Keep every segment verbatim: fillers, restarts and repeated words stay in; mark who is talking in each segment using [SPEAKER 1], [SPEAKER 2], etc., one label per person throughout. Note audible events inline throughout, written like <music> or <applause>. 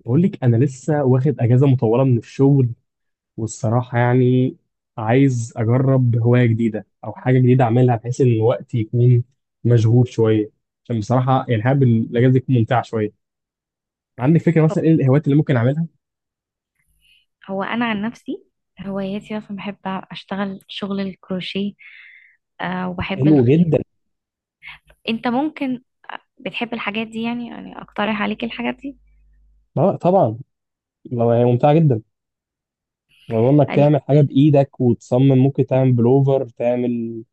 [SPEAKER 1] بقول لك انا لسه واخد اجازه مطوله من الشغل، والصراحه يعني عايز اجرب هوايه جديده او حاجه جديده اعملها، بحيث ان وقتي يكون مشغول شويه، عشان بصراحه يعني حابب الاجازه دي تكون ممتعه شويه. عندك فكره
[SPEAKER 2] طب،
[SPEAKER 1] مثلا ايه الهوايات اللي ممكن اعملها؟
[SPEAKER 2] هو انا عن نفسي هواياتي اصلا بحب اشتغل شغل الكروشيه. آه، وبحب
[SPEAKER 1] حلو
[SPEAKER 2] الخيط.
[SPEAKER 1] جدا.
[SPEAKER 2] انت ممكن بتحب الحاجات دي، يعني يعني اقترح عليك الحاجات دي.
[SPEAKER 1] اه، طبعا. لو هي ممتعه جدا، لو انك
[SPEAKER 2] ال-
[SPEAKER 1] تعمل حاجه بايدك وتصمم ممكن تعمل بلوفر، تعمل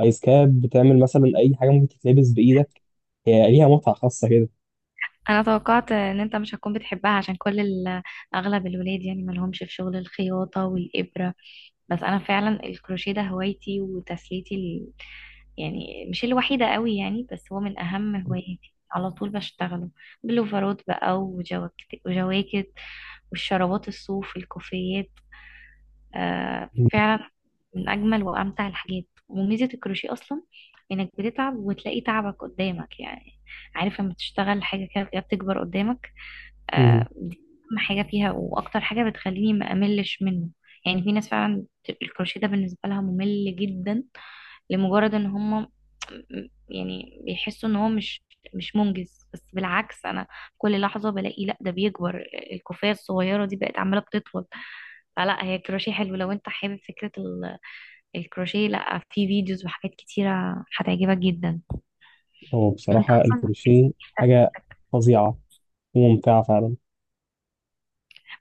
[SPEAKER 1] ايس كاب، تعمل مثلا اي حاجه ممكن تتلبس بايدك. هي ليها متعه خاصه كده.
[SPEAKER 2] انا توقعت ان انت مش هتكون بتحبها، عشان كل ال- اغلب الولاد يعني مالهمش في شغل الخياطة والابرة. بس انا فعلا الكروشيه ده هوايتي وتسليتي ال... يعني مش الوحيدة قوي يعني، بس هو من اهم هواياتي، على طول بشتغله بلوفرات بقى وجواكت وجواكت، والشرابات الصوف الكوفيات. آه فعلا، من أجمل وأمتع الحاجات. وميزة الكروشيه أصلا إنك بتتعب وتلاقي تعبك قدامك يعني. عارف لما تشتغل حاجة كده كده بتكبر قدامك. آه،
[SPEAKER 1] <laughs>
[SPEAKER 2] دي أهم حاجة فيها وأكتر حاجة بتخليني ما أملش منه. يعني في ناس فعلا الكروشيه ده بالنسبة لها ممل جدا، لمجرد ان هم يعني بيحسوا ان هو مش مش منجز. بس بالعكس، انا كل لحظة بلاقي لا ده بيكبر، الكوفية الصغيرة دي بقت عمالة بتطول. فلا، هي الكروشيه حلو، لو انت حابب فكرة ال- الكروشيه لا، في فيديوز وحاجات كتيرة هتعجبك جدا.
[SPEAKER 1] هو
[SPEAKER 2] وانت
[SPEAKER 1] بصراحة
[SPEAKER 2] اصلا.
[SPEAKER 1] الكروشيه
[SPEAKER 2] <laughs>
[SPEAKER 1] حاجة فظيعة وممتعة فعلا.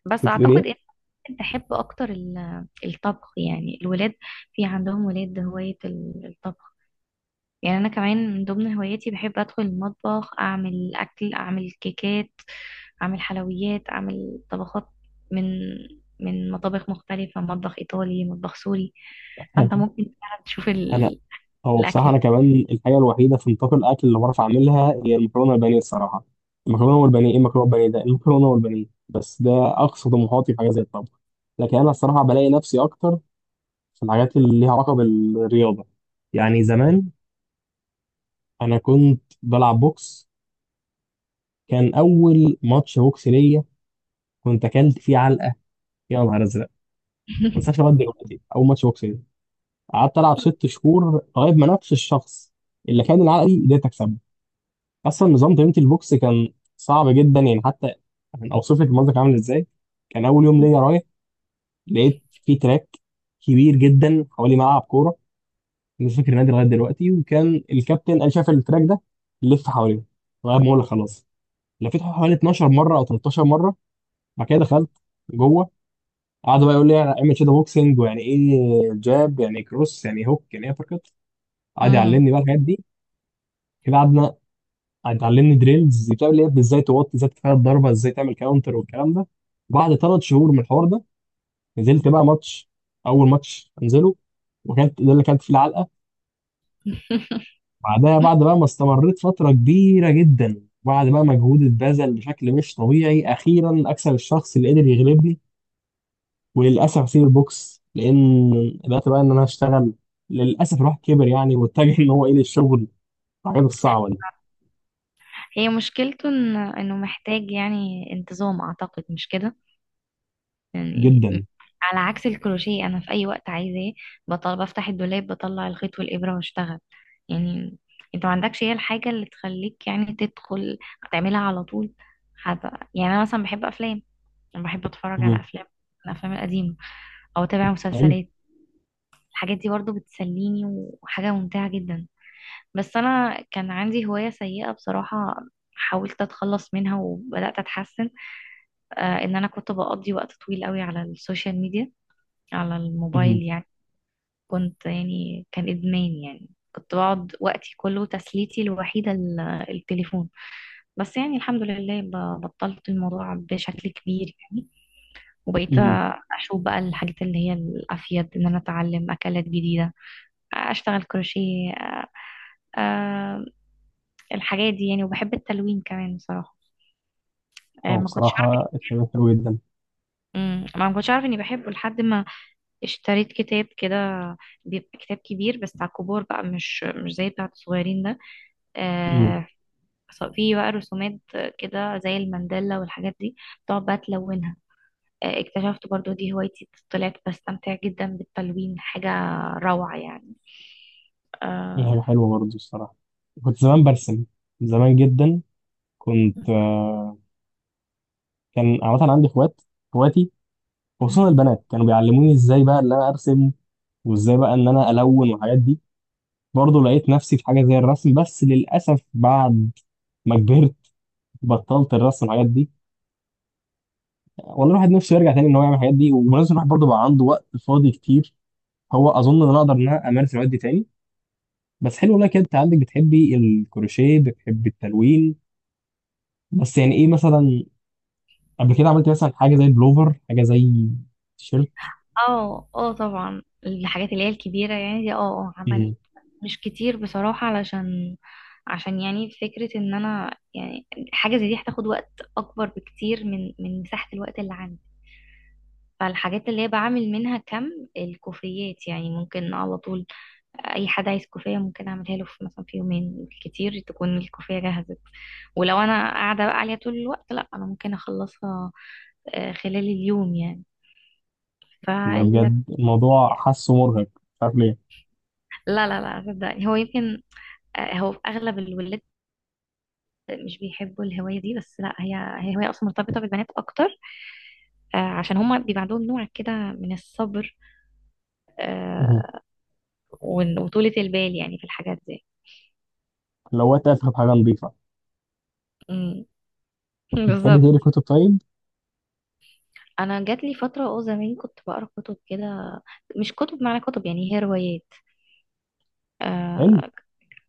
[SPEAKER 2] بس
[SPEAKER 1] كنت بتقول ايه؟
[SPEAKER 2] اعتقد ان ممكن تحب اكتر ال- الطبخ. يعني الولاد في عندهم ولاد هواية ال- الطبخ. يعني انا كمان من ضمن هواياتي بحب ادخل المطبخ، اعمل اكل، اعمل كيكات، اعمل حلويات، اعمل طبخات من من مطابخ مختلفة، مطبخ ايطالي، مطبخ سوري. فانت
[SPEAKER 1] <laughs>
[SPEAKER 2] ممكن فعلا تشوف
[SPEAKER 1] انا
[SPEAKER 2] ال...
[SPEAKER 1] هو بصراحة
[SPEAKER 2] الاكل.
[SPEAKER 1] انا كمان الحاجة الوحيدة في نطاق الاكل اللي بعرف اعملها هي المكرونة والبانيه الصراحة. المكرونة والبانيه ايه؟ المكرونة والبانيه ده، المكرونة والبانيه بس ده اقصى طموحاتي في حاجة زي الطبخ. لكن انا الصراحة بلاقي نفسي اكتر في الحاجات اللي ليها علاقة بالرياضة. يعني زمان انا كنت بلعب بوكس. كان اول ماتش بوكس ليا كنت اكلت فيه علقة، يا نهار ازرق ما انساش
[SPEAKER 2] <laughs>
[SPEAKER 1] لغاية دلوقتي اول ماتش بوكس. قعدت العب ست شهور لغايه ما نفس الشخص اللي كان العقلي قدرت اكسبه. اصلا نظام تمرينة البوكس كان صعب جدا، يعني حتى اوصف لك المنظر كان عامل ازاي. كان اول يوم ليا رايح، لقيت في تراك كبير جدا حوالي ملعب كوره، مش فاكر النادي لغايه دلوقتي. وكان الكابتن قال شاف التراك ده لف حواليه لغايه ما اقول خلاص. لفيت حوالي اتناشر مره او تلتاشر مره. بعد كده دخلت جوه. قعدوا بقى يقول لي اعمل شادو بوكسنج، ويعني ايه جاب، يعني إيه كروس، يعني إيه هوك، يعني ايه ابر كات. قعد
[SPEAKER 2] مم.
[SPEAKER 1] يعلمني بقى الحاجات دي. كده قعدنا. اتعلمني دريلز بتاع اللي هي ازاي توطي، ازاي تفادى الضربه، ازاي تعمل كاونتر والكلام ده. بعد ثلاث شهور من الحوار ده نزلت بقى ماتش، اول ماتش انزله، وكانت ده اللي كانت فيه العلقه. بعدها، بعد بقى ما استمريت فتره كبيره جدا، بعد بقى مجهود اتبذل بشكل مش طبيعي، اخيرا اكسب الشخص اللي قدر يغلبني. وللاسف اسيب البوكس لان بدات بقى ان انا اشتغل. للاسف الواحد كبر يعني، واتجه ان هو ايه للشغل، الحاجات الصعبه دي.
[SPEAKER 2] هي مشكلته إن... انه محتاج يعني انتظام، اعتقد مش كده يعني.
[SPEAKER 1] جدا.
[SPEAKER 2] على عكس الكروشيه، انا في اي وقت عايزاه بطل بفتح الدولاب بطلع الخيط والابره واشتغل يعني. انت ما عندكش هي الحاجه اللي تخليك يعني تدخل تعملها على طول. حتى يعني انا مثلا بحب افلام، انا بحب اتفرج على
[SPEAKER 1] مم.
[SPEAKER 2] افلام، الافلام القديمه، او اتابع
[SPEAKER 1] حلو.
[SPEAKER 2] مسلسلات. الحاجات دي برضو بتسليني، وحاجه ممتعه جدا. بس انا كان عندي هوايه سيئه بصراحه، حاولت اتخلص منها وبدات اتحسن. آه، ان انا كنت بقضي وقت طويل قوي على السوشيال ميديا، على
[SPEAKER 1] مم.
[SPEAKER 2] الموبايل يعني. كنت يعني كان إدمان يعني، كنت بقعد وقتي كله تسليتي الوحيدة ال- التليفون. بس يعني الحمد لله، ب- بطلت الموضوع بشكل كبير يعني. وبقيت
[SPEAKER 1] مم.
[SPEAKER 2] أشوف بقى الحاجات اللي هي الأفيد، إن أنا أتعلم أكلات جديدة، أشتغل كروشيه، أ- أ- الحاجات دي يعني. وبحب التلوين كمان بصراحة. أ،
[SPEAKER 1] هو
[SPEAKER 2] ما كنتش أعرف.
[SPEAKER 1] بصراحة الفيلم حلو جدا.
[SPEAKER 2] أمم، ما ما كنتش أعرف إني بحبه لحد ما اشتريت كتاب كده. بيبقى كتاب كبير بس على الكبار بقى، مش مش زي بتاع الصغيرين ده.
[SPEAKER 1] امم
[SPEAKER 2] آه. ص- فيه بقى رسومات كده زي المندلة والحاجات دي، تقعد بقى تلونها. آه، اكتشفت برضو دي هوايتي، طلعت بستمتع جدا بالتلوين، حاجة روعة يعني.
[SPEAKER 1] دي
[SPEAKER 2] آه.
[SPEAKER 1] حاجة حلوة برضه الصراحة. كنت زمان برسم، زمان جدا. كنت آه، كان عامة عندي اخوات، اخواتي خصوصا
[SPEAKER 2] مم.
[SPEAKER 1] البنات كانوا بيعلموني ازاي بقى ان انا ارسم، وازاي بقى ان انا الون والحاجات دي. برضه لقيت نفسي في حاجة زي الرسم، بس للأسف بعد ما كبرت بطلت الرسم والحاجات دي. والله الواحد نفسه يرجع تاني ان هو يعمل الحاجات دي، وبالنسبة الواحد برضه بقى عنده وقت فاضي كتير، هو اظن ان انا اقدر ان انا امارس الهوايات دي تاني. بس حلو والله كده، انت عندك بتحبي الكروشيه، بتحبي التلوين. بس يعني ايه مثلا قبل كده عملتي مثلا حاجه زي بلوفر، حاجه زي تيشيرت؟
[SPEAKER 2] اه اه طبعا الحاجات اللي هي الكبيرة يعني دي، اه اه عملت
[SPEAKER 1] مهم.
[SPEAKER 2] مش كتير بصراحة. علشان عشان يعني فكرة ان انا يعني حاجة زي دي هتاخد وقت اكبر بكتير من من مساحة الوقت اللي عندي. فالحاجات اللي هي بعمل منها كم الكوفيات يعني ممكن على طول، اي حد عايز كوفية ممكن اعملها له في مثلا في يومين، كتير تكون الكوفية جهزت. ولو انا قاعدة بقى عليها طول الوقت، لا انا ممكن اخلصها آه، خلال اليوم
[SPEAKER 1] والله
[SPEAKER 2] يعني.
[SPEAKER 1] بجد الموضوع حاسه مرهق مش عارف ليه.
[SPEAKER 2] لا لا لا صدقني، هو يمكن آه، هو في اغلب الولاد مش بيحبوا الهوايه دي. بس لا، هي هي هوايه اصلا مرتبطه بالبنات اكتر آه، عشان هما بيبقى عندهم نوع كده من الصبر
[SPEAKER 1] مهم.
[SPEAKER 2] آه، وإن- وطولة البال يعني في الحاجات دي.
[SPEAKER 1] لو وقت افهم حاجه نظيفه.
[SPEAKER 2] مم. <laughs>
[SPEAKER 1] بتحبي تقري
[SPEAKER 2] بالظبط.
[SPEAKER 1] كتب طيب؟
[SPEAKER 2] انا جات لي فتره اه زمان كنت بقرا كتب كده، مش كتب معنى كتب يعني هي روايات
[SPEAKER 1] حلو.
[SPEAKER 2] آه.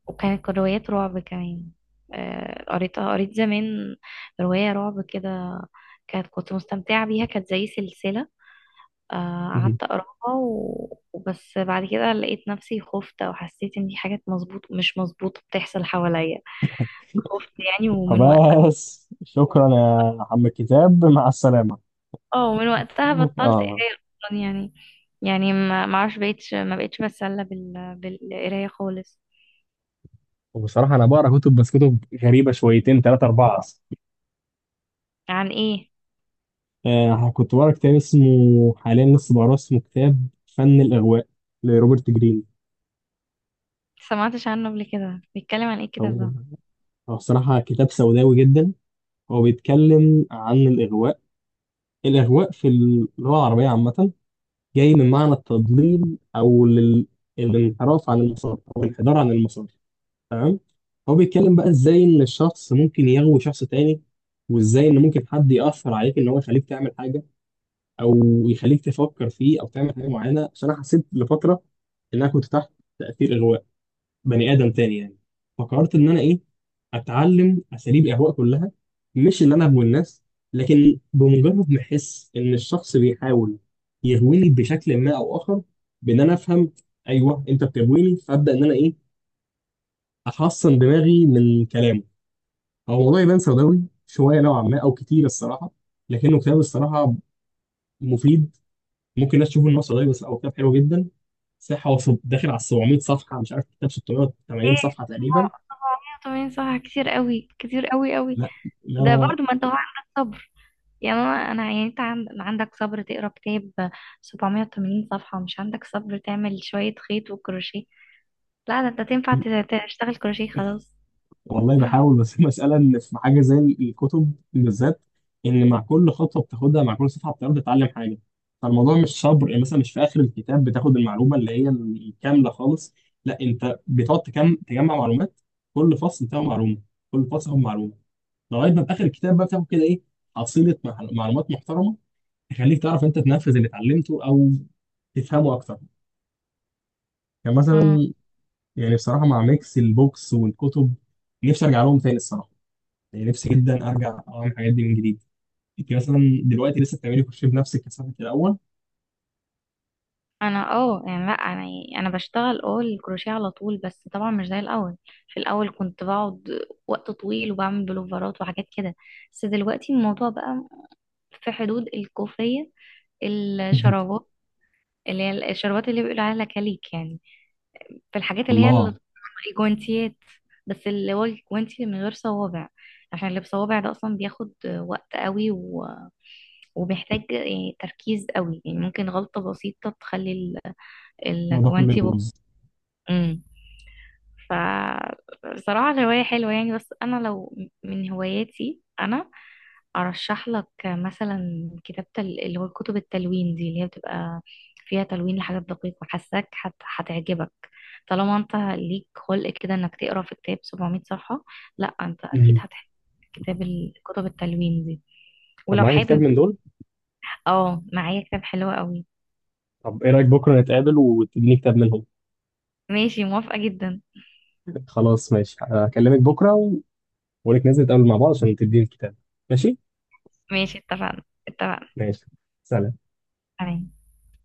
[SPEAKER 2] وكانت روايات رعب كمان آه، قريتها قريت زمان، روايه رعب كده، كانت كنت مستمتعه بيها، كانت زي سلسله آه،
[SPEAKER 1] مهم.
[SPEAKER 2] قعدت اقراها و- وبس. بعد كده لقيت نفسي خفت، او حسيت ان في حاجات مظبوط مش مظبوطه بتحصل حواليا، خفت يعني. ومن وقت
[SPEAKER 1] فبس شكرا يا عم الكتاب مع السلامه.
[SPEAKER 2] اه، ومن وقتها بطلت
[SPEAKER 1] اه.
[SPEAKER 2] قرايه اصلا يعني. يعني ما ما اعرفش، بقيتش ما بقيتش بتسلى بال... بالقرايه خالص.
[SPEAKER 1] وبصراحه انا بقرا كتب، بس كتب غريبه شويتين ثلاثه اربعه.
[SPEAKER 2] عن ايه؟
[SPEAKER 1] آه كنت بقرا كتاب اسمه حاليا لسه بقراه، اسمه كتاب فن الإغواء لروبرت جرين.
[SPEAKER 2] سمعتش عنه قبل كده، بيتكلم عن ايه الكتاب
[SPEAKER 1] هو
[SPEAKER 2] ده؟
[SPEAKER 1] هو الصراحة كتاب سوداوي جدا. هو بيتكلم عن الإغواء. الإغواء في اللغة العربية عامة جاي من معنى التضليل أو لل- الانحراف عن المسار، أو الانحدار عن المسار. تمام. هو بيتكلم بقى إزاي إن الشخص ممكن يغوي شخص تاني، وإزاي إن ممكن حد يأثر عليك إن هو يخليك تعمل حاجة، او يخليك تفكر فيه او تعمل حاجه معينه. عشان انا حسيت لفتره ان انا كنت تحت تاثير اغواء بني ادم تاني يعني. فقررت ان انا ايه اتعلم اساليب الاغواء كلها. مش اللي انا اغوي الناس، لكن بمجرد ما احس ان الشخص بيحاول يغويني بشكل ما او اخر، بان انا افهم ايوه انت بتغويني، فابدا ان انا ايه احصن دماغي من كلامه. هو الموضوع يبان سوداوي شويه نوعا ما او كتير الصراحه، لكنه كتاب الصراحه مفيد. ممكن الناس تشوف النص قليل، بس لا، هو كتاب حلو جدا. صح، هو في- داخل على سبعمية صفحه، مش عارف، كتاب ستمية وتمانين
[SPEAKER 2] ايه،
[SPEAKER 1] صفحه تقريبا.
[SPEAKER 2] سبعمية وتمانين صفحة؟ كتير قوي، كتير قوي قوي.
[SPEAKER 1] لا،
[SPEAKER 2] ده
[SPEAKER 1] لا.
[SPEAKER 2] برضو ما انت هو عندك صبر. يا ماما انا يعني، انت عند- عندك صبر تقرا كتاب سبعمائة وثمانين صفحة، مش عندك صبر تعمل شوية خيط وكروشيه؟ لا، ده انت تنفع ت- تشتغل كروشيه خلاص.
[SPEAKER 1] والله بحاول
[SPEAKER 2] <laughs>
[SPEAKER 1] بس <laughs> المسألة إن في حاجة زي الكتب بالذات، إن مع كل خطوة بتاخدها، مع كل صفحة بتاخدها، بتتعلم حاجة. فالموضوع مش صبر، يعني مثلا مش في آخر الكتاب بتاخد المعلومة اللي هي الكاملة خالص. لا، أنت بتقعد تكم تجمع معلومات. كل فصل بتاعه معلومة، كل فصل هو معلومة. لغاية ما في آخر الكتاب بقى بتاخد كده إيه، حصيلة مع- معلومات محترمة، يخليك تعرف انت تنفذ اللي اتعلمته او تفهمه اكتر، يعني
[SPEAKER 2] أمم،
[SPEAKER 1] مثلا. يعني بصراحه مع ميكس البوكس والكتب نفسي ارجع لهم تاني الصراحه. يعني نفسي جدا ارجع اعمل الحاجات دي من جديد. انت مثلا دلوقتي لسه بتعملي كروشيه بنفسك كثافه الاول؟
[SPEAKER 2] انا اه يعني لا انا يعني انا بشتغل اه الكروشيه على طول، بس طبعا مش زي الاول. في الاول كنت بقعد وقت طويل وبعمل بلوفرات وحاجات كده. بس دلوقتي الموضوع بقى في حدود الكوفية،
[SPEAKER 1] <laughs>
[SPEAKER 2] الشرابات اللي هي الشرابات اللي بيقولوا عليها كليك يعني. في الحاجات اللي هي
[SPEAKER 1] الله،
[SPEAKER 2] ال- الجوانتيات، بس اللي هو الجوانتي من غير صوابع، عشان اللي بصوابع ده اصلا بياخد وقت قوي، و... وبيحتاج يعني تركيز قوي. يعني ممكن غلطة بسيطة تخلي ال-
[SPEAKER 1] الموضوع كله
[SPEAKER 2] الجوانتي بق...
[SPEAKER 1] يبوظ.
[SPEAKER 2] مم. فبصراحة الهواية حلوة يعني. بس أنا لو من هواياتي أنا أرشح لك مثلا كتابة ال- اللي هو كتب التلوين دي، اللي هي بتبقى فيها تلوين لحاجات دقيقة، حاساك هت- هتعجبك. طالما أنت ليك خلق كده إنك تقرا في كتاب سبعمائة صفحة، لأ أنت
[SPEAKER 1] <laughs>
[SPEAKER 2] أكيد
[SPEAKER 1] مم.
[SPEAKER 2] هتحب كتاب ال- كتب التلوين دي.
[SPEAKER 1] طب
[SPEAKER 2] ولو
[SPEAKER 1] معاك كتاب
[SPEAKER 2] حابب،
[SPEAKER 1] من دول؟
[SPEAKER 2] اه معايا كتاب حلو قوي.
[SPEAKER 1] طب ايه رايك بكره نتقابل وتديني كتاب منهم؟
[SPEAKER 2] ماشي، موافقة جدا.
[SPEAKER 1] خلاص، ماشي، هكلمك بكره و... ونتنزل نتقابل مع بعض عشان تديني الكتاب. ماشي.
[SPEAKER 2] ماشي، اتفقنا. اتفقنا.
[SPEAKER 1] ماشي. سلام.
[SPEAKER 2] تمام.